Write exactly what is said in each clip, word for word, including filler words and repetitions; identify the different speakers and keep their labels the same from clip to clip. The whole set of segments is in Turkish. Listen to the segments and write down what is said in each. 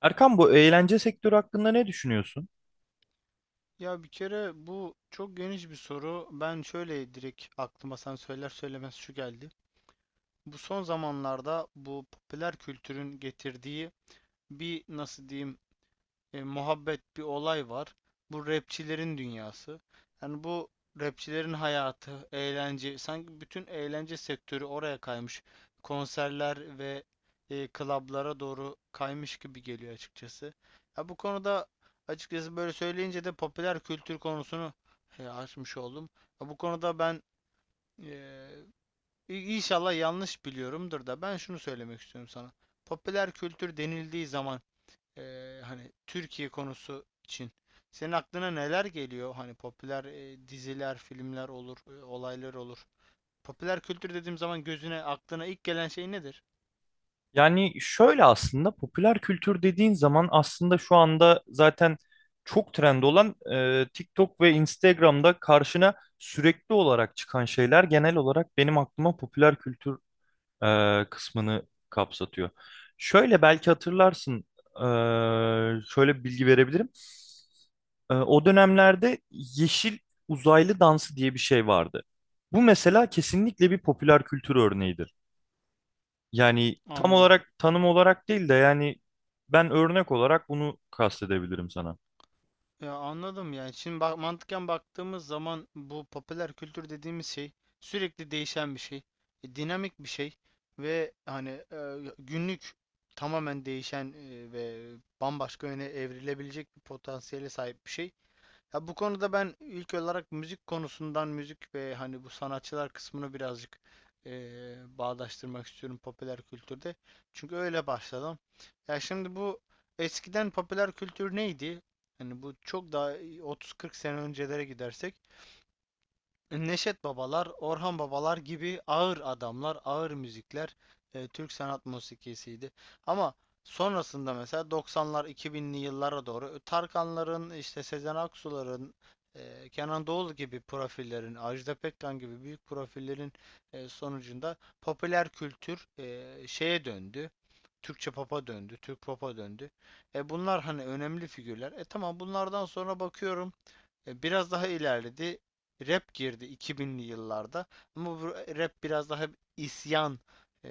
Speaker 1: Erkan, bu eğlence sektörü hakkında ne düşünüyorsun?
Speaker 2: Ya bir kere bu çok geniş bir soru. Ben şöyle direkt aklıma sen söyler söylemez şu geldi. Bu son zamanlarda bu popüler kültürün getirdiği bir nasıl diyeyim e, muhabbet bir olay var. Bu rapçilerin dünyası. Yani bu rapçilerin hayatı, eğlence, sanki bütün eğlence sektörü oraya kaymış. Konserler ve e, klablara doğru kaymış gibi geliyor açıkçası. Ya bu konuda açıkçası böyle söyleyince de popüler kültür konusunu e, açmış oldum. Ya bu konuda ben e, İnşallah yanlış biliyorumdur da ben şunu söylemek istiyorum sana. Popüler kültür denildiği zaman e, hani Türkiye konusu için senin aklına neler geliyor? Hani popüler e, diziler, filmler olur, e, olaylar olur. Popüler kültür dediğim zaman gözüne, aklına ilk gelen şey nedir?
Speaker 1: Yani şöyle, aslında popüler kültür dediğin zaman aslında şu anda zaten çok trend olan e, TikTok ve Instagram'da karşına sürekli olarak çıkan şeyler genel olarak benim aklıma popüler kültür e, kısmını kapsatıyor. Şöyle belki hatırlarsın, e, şöyle bir bilgi verebilirim. E, o dönemlerde yeşil uzaylı dansı diye bir şey vardı. Bu mesela kesinlikle bir popüler kültür örneğidir. Yani tam
Speaker 2: Anladım.
Speaker 1: olarak tanım olarak değil de yani ben örnek olarak bunu kastedebilirim sana.
Speaker 2: Ya anladım yani. Şimdi bak mantıken baktığımız zaman bu popüler kültür dediğimiz şey sürekli değişen bir şey, e, dinamik bir şey ve hani e, günlük tamamen değişen e, ve bambaşka yöne evrilebilecek bir potansiyele sahip bir şey. Ya bu konuda ben ilk olarak müzik konusundan müzik ve hani bu sanatçılar kısmını birazcık eee, bağdaştırmak istiyorum popüler kültürde. Çünkü öyle başladım. Ya şimdi bu eskiden popüler kültür neydi? Hani bu çok daha otuz kırk sene öncelere gidersek Neşet Babalar, Orhan Babalar gibi ağır adamlar, ağır müzikler e, Türk sanat musikisiydi. Ama sonrasında mesela doksanlar, iki binli yıllara doğru e, Tarkanların, işte Sezen Aksu'ların, e, Kenan Doğulu gibi profillerin, Ajda Pekkan gibi büyük profillerin e, sonucunda popüler kültür e, şeye döndü. Türkçe pop'a döndü, Türk pop'a döndü. E bunlar hani önemli figürler. E tamam bunlardan sonra bakıyorum e, Biraz daha ilerledi. Rap girdi iki binli yıllarda. Ama bu rap biraz daha isyan e,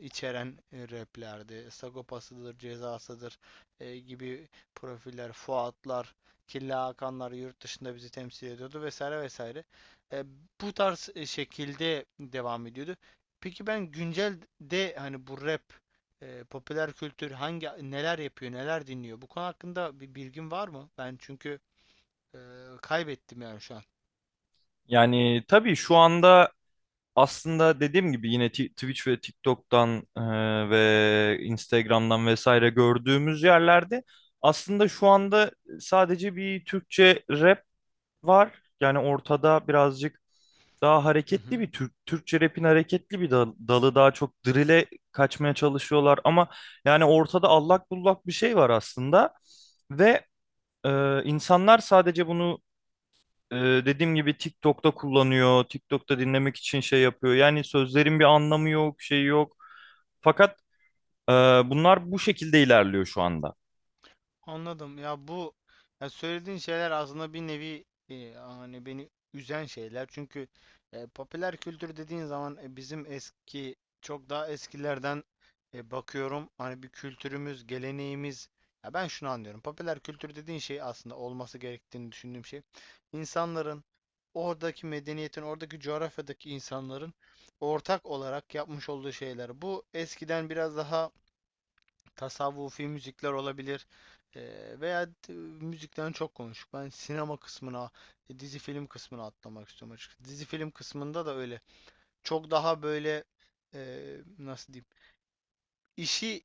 Speaker 2: içeren e, raplerdi. Sagopasıdır, cezasıdır e, gibi profiller, Fuatlar, Killa Hakanlar yurt dışında bizi temsil ediyordu vesaire vesaire. E, bu tarz e, şekilde devam ediyordu. Peki ben güncel de hani bu rap, e, popüler kültür hangi neler yapıyor, neler dinliyor? Bu konu hakkında bir bilgin var mı? Ben çünkü ee, kaybettim yani şu an.
Speaker 1: Yani tabii şu anda aslında dediğim gibi yine Ti- Twitch ve TikTok'tan e, ve Instagram'dan vesaire gördüğümüz yerlerde aslında şu anda sadece bir Türkçe rap var. Yani ortada birazcık daha
Speaker 2: Hı
Speaker 1: hareketli
Speaker 2: hı.
Speaker 1: bir Türk, Türkçe rap'in hareketli bir dal- dalı daha çok drill'e kaçmaya çalışıyorlar ama yani ortada allak bullak bir şey var aslında ve e, insanlar sadece bunu e, dediğim gibi TikTok'ta kullanıyor, TikTok'ta dinlemek için şey yapıyor. Yani sözlerin bir anlamı yok, şey yok. Fakat e, bunlar bu şekilde ilerliyor şu anda.
Speaker 2: Anladım. Ya bu ya söylediğin şeyler aslında bir nevi e, hani beni üzen şeyler. Çünkü e, popüler kültür dediğin zaman e, bizim eski çok daha eskilerden e, bakıyorum. Hani bir kültürümüz, geleneğimiz. Ya ben şunu anlıyorum. Popüler kültür dediğin şey aslında olması gerektiğini düşündüğüm şey. İnsanların oradaki medeniyetin, oradaki coğrafyadaki insanların ortak olarak yapmış olduğu şeyler. Bu eskiden biraz daha tasavvufi müzikler olabilir. Eee, veya t- müzikten çok konuştuk. Ben sinema kısmına, e, dizi film kısmına atlamak istiyorum açıkçası. Dizi film kısmında da öyle. Çok daha böyle eee, nasıl diyeyim? İşi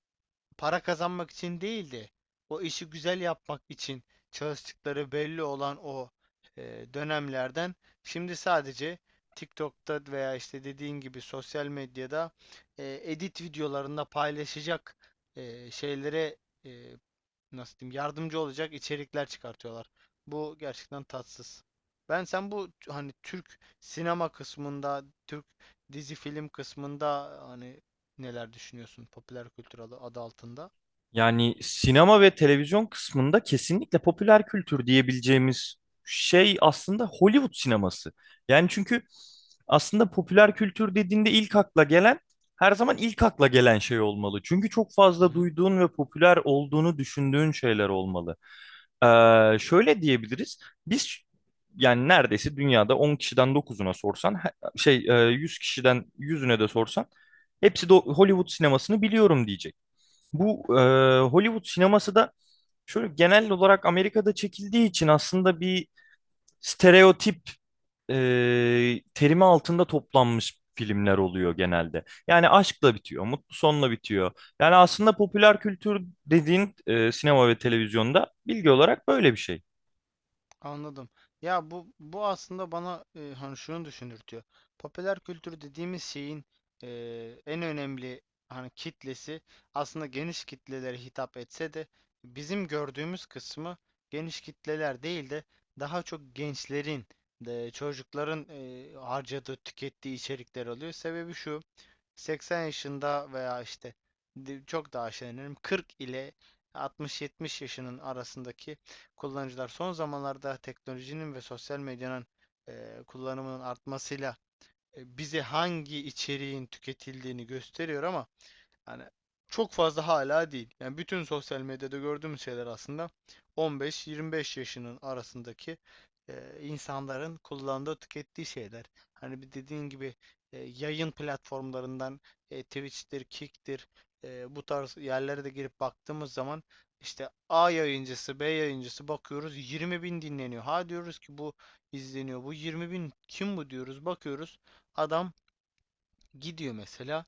Speaker 2: para kazanmak için değil de o işi güzel yapmak için çalıştıkları belli olan o eee, dönemlerden şimdi sadece TikTok'ta veya işte dediğin gibi sosyal medyada eee, edit videolarında paylaşacak eee, şeylere e, nasıl diyeyim yardımcı olacak içerikler çıkartıyorlar. Bu gerçekten tatsız. Ben sen bu t- hani Türk sinema kısmında, Türk dizi film kısmında hani neler düşünüyorsun popüler kültür adı, adı altında?
Speaker 1: Yani sinema ve televizyon kısmında kesinlikle popüler kültür diyebileceğimiz şey aslında Hollywood sineması. Yani çünkü aslında popüler kültür dediğinde ilk akla gelen, her zaman ilk akla gelen şey olmalı. Çünkü çok fazla duyduğun ve popüler olduğunu düşündüğün şeyler olmalı. Ee, şöyle diyebiliriz. Biz yani neredeyse dünyada on kişiden dokuzuna sorsan, he- şey, e, yüz kişiden yüzüne de sorsan hepsi de Hollywood sinemasını biliyorum diyecek. Bu e, Hollywood sineması da şöyle genel olarak Amerika'da çekildiği için aslında bir stereotip e, terimi altında toplanmış filmler oluyor genelde. Yani aşkla bitiyor, mutlu sonla bitiyor. Yani aslında popüler kültür dediğin e, sinema ve televizyonda bilgi olarak böyle bir şey.
Speaker 2: Anladım. Ya bu bu aslında bana e, hani şunu düşündürtüyor. Popüler kültür dediğimiz şeyin e, en önemli hani kitlesi aslında geniş kitlelere hitap etse de bizim gördüğümüz kısmı geniş kitleler değil de daha çok gençlerin de çocukların e, harcadığı, tükettiği içerikler oluyor. Sebebi şu. seksen yaşında veya işte çok daha aşağı inelim kırk ile altmış yetmiş yaşının arasındaki kullanıcılar son zamanlarda teknolojinin ve sosyal medyanın e, kullanımının artmasıyla e, bize hangi içeriğin tüketildiğini gösteriyor ama hani çok fazla hala değil. Yani bütün sosyal medyada gördüğümüz şeyler aslında on beş yirmi beş yaşının arasındaki e, insanların kullandığı, tükettiği şeyler. Hani bir dediğin gibi e, yayın platformlarından e, Twitch'tir, Kick'tir e, bu tarz yerlere de girip baktığımız zaman işte A yayıncısı, B yayıncısı bakıyoruz yirmi bin dinleniyor. Ha diyoruz ki bu izleniyor. Bu yirmi bin kim bu diyoruz. Bakıyoruz adam gidiyor mesela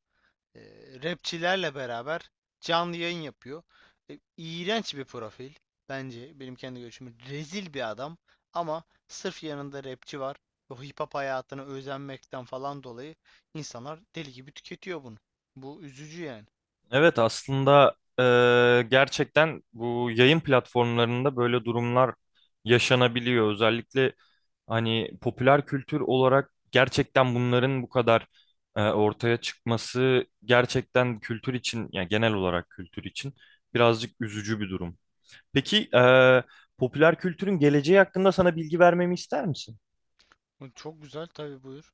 Speaker 2: e, rapçilerle beraber canlı yayın yapıyor. E, iğrenç bir profil bence benim kendi görüşüm. Rezil bir adam ama sırf yanında rapçi var. O hip hop hayatına özenmekten falan dolayı insanlar deli gibi tüketiyor bunu. Bu üzücü yani.
Speaker 1: Evet, aslında e, gerçekten bu yayın platformlarında böyle durumlar yaşanabiliyor. Özellikle hani popüler kültür olarak gerçekten bunların bu kadar e, ortaya çıkması gerçekten kültür için, yani genel olarak kültür için birazcık üzücü bir durum. Peki e, popüler kültürün geleceği hakkında sana bilgi vermemi ister misin?
Speaker 2: Bu çok güzel tabii, buyur.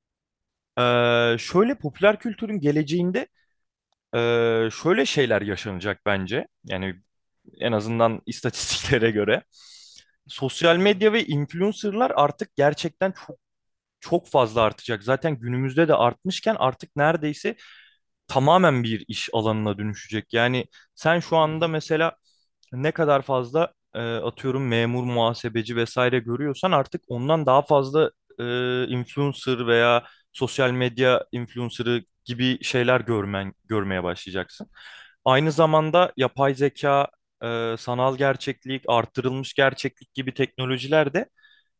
Speaker 1: E, Şöyle, popüler kültürün geleceğinde e, şöyle şeyler yaşanacak bence. Yani en azından istatistiklere göre. Sosyal
Speaker 2: Buyur.
Speaker 1: medya ve influencerlar artık gerçekten çok çok fazla artacak. Zaten günümüzde de artmışken artık neredeyse tamamen bir iş alanına dönüşecek. Yani sen şu
Speaker 2: Hı
Speaker 1: anda
Speaker 2: hı.
Speaker 1: mesela ne kadar fazla e, atıyorum memur, muhasebeci vesaire görüyorsan artık ondan daha fazla e, influencer veya sosyal medya influencer'ı gibi şeyler görmen görmeye başlayacaksın. Aynı zamanda yapay zeka, e, sanal gerçeklik, artırılmış gerçeklik gibi teknolojiler de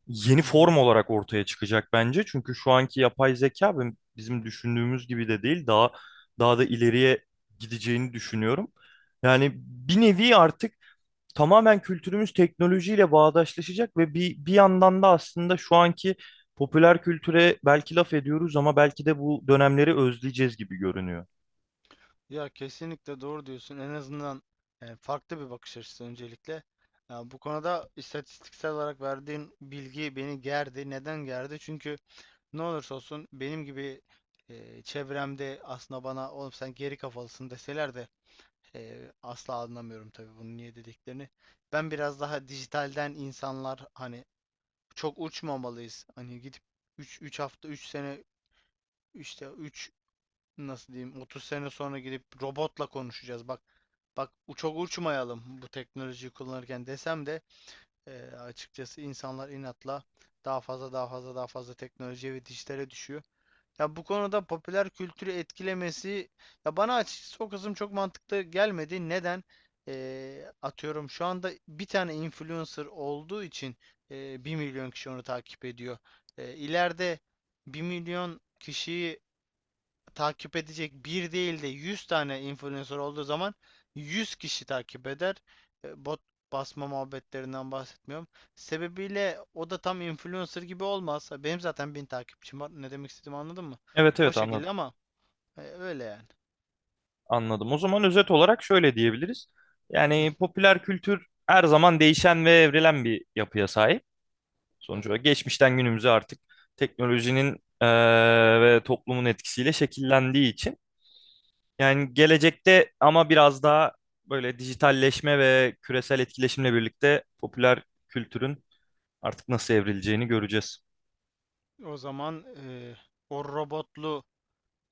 Speaker 1: yeni
Speaker 2: Hı
Speaker 1: form
Speaker 2: hı.
Speaker 1: olarak ortaya çıkacak bence. Çünkü şu anki yapay zeka ben- bizim düşündüğümüz gibi de değil. Daha daha da ileriye gideceğini düşünüyorum. Yani bir nevi artık tamamen kültürümüz teknolojiyle bağdaşlaşacak ve bir bir yandan da aslında şu anki popüler kültüre belki laf ediyoruz ama belki de bu dönemleri özleyeceğiz gibi görünüyor.
Speaker 2: Ya kesinlikle doğru diyorsun. En azından e, farklı bir bakış açısı öncelikle. Ya bu konuda istatistiksel olarak verdiğin bilgi beni gerdi. Neden gerdi? Çünkü ne olursa olsun benim gibi e, çevremde aslında bana oğlum sen geri kafalısın deseler de e, asla anlamıyorum tabii bunu niye dediklerini. Ben biraz daha dijitalden insanlar hani çok uçmamalıyız. Hani gidip üç üç hafta üç sene işte üç nasıl diyeyim otuz sene sonra gidip robotla konuşacağız. Bak bak, u- çok uçmayalım bu teknolojiyi kullanırken desem de e, açıkçası insanlar inatla daha fazla daha fazla daha fazla teknolojiye ve dijitale düşüyor. Ya bu konuda popüler kültürü etkilemesi ya bana açıkçası o kısım çok mantıklı gelmedi. Neden? Ee, atıyorum şu anda bir tane influencer olduğu için e, bir milyon kişi onu takip ediyor. Ee, ileride bir milyon kişiyi takip edecek bir değil de yüz tane influencer olduğu zaman yüz kişi takip eder. E, Bot basma muhabbetlerinden bahsetmiyorum. Sebebiyle o da tam influencer gibi olmaz. Benim zaten bin takipçim var. Ne demek istediğimi anladın mı?
Speaker 1: Evet
Speaker 2: O
Speaker 1: evet anladım.
Speaker 2: şekilde ama e, öyle yani.
Speaker 1: Anladım. O zaman özet olarak şöyle diyebiliriz.
Speaker 2: Hı.
Speaker 1: Yani popüler kültür her zaman değişen ve evrilen bir yapıya sahip. Sonuç
Speaker 2: Evet.
Speaker 1: olarak geçmişten günümüze artık teknolojinin eee, ve toplumun etkisiyle şekillendiği için. Yani gelecekte ama biraz daha böyle dijitalleşme ve küresel etkileşimle birlikte popüler kültürün artık nasıl evrileceğini göreceğiz.
Speaker 2: O zaman e, o robotlu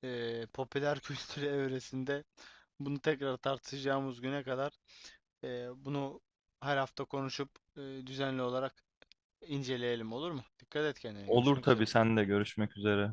Speaker 2: e, popüler kültür evresinde bunu tekrar tartışacağımız güne kadar e, bunu her hafta konuşup e, düzenli olarak İnceleyelim olur mu? Dikkat et kendine.
Speaker 1: Olur
Speaker 2: Görüşmek
Speaker 1: tabii,
Speaker 2: üzere.
Speaker 1: sen de görüşmek üzere.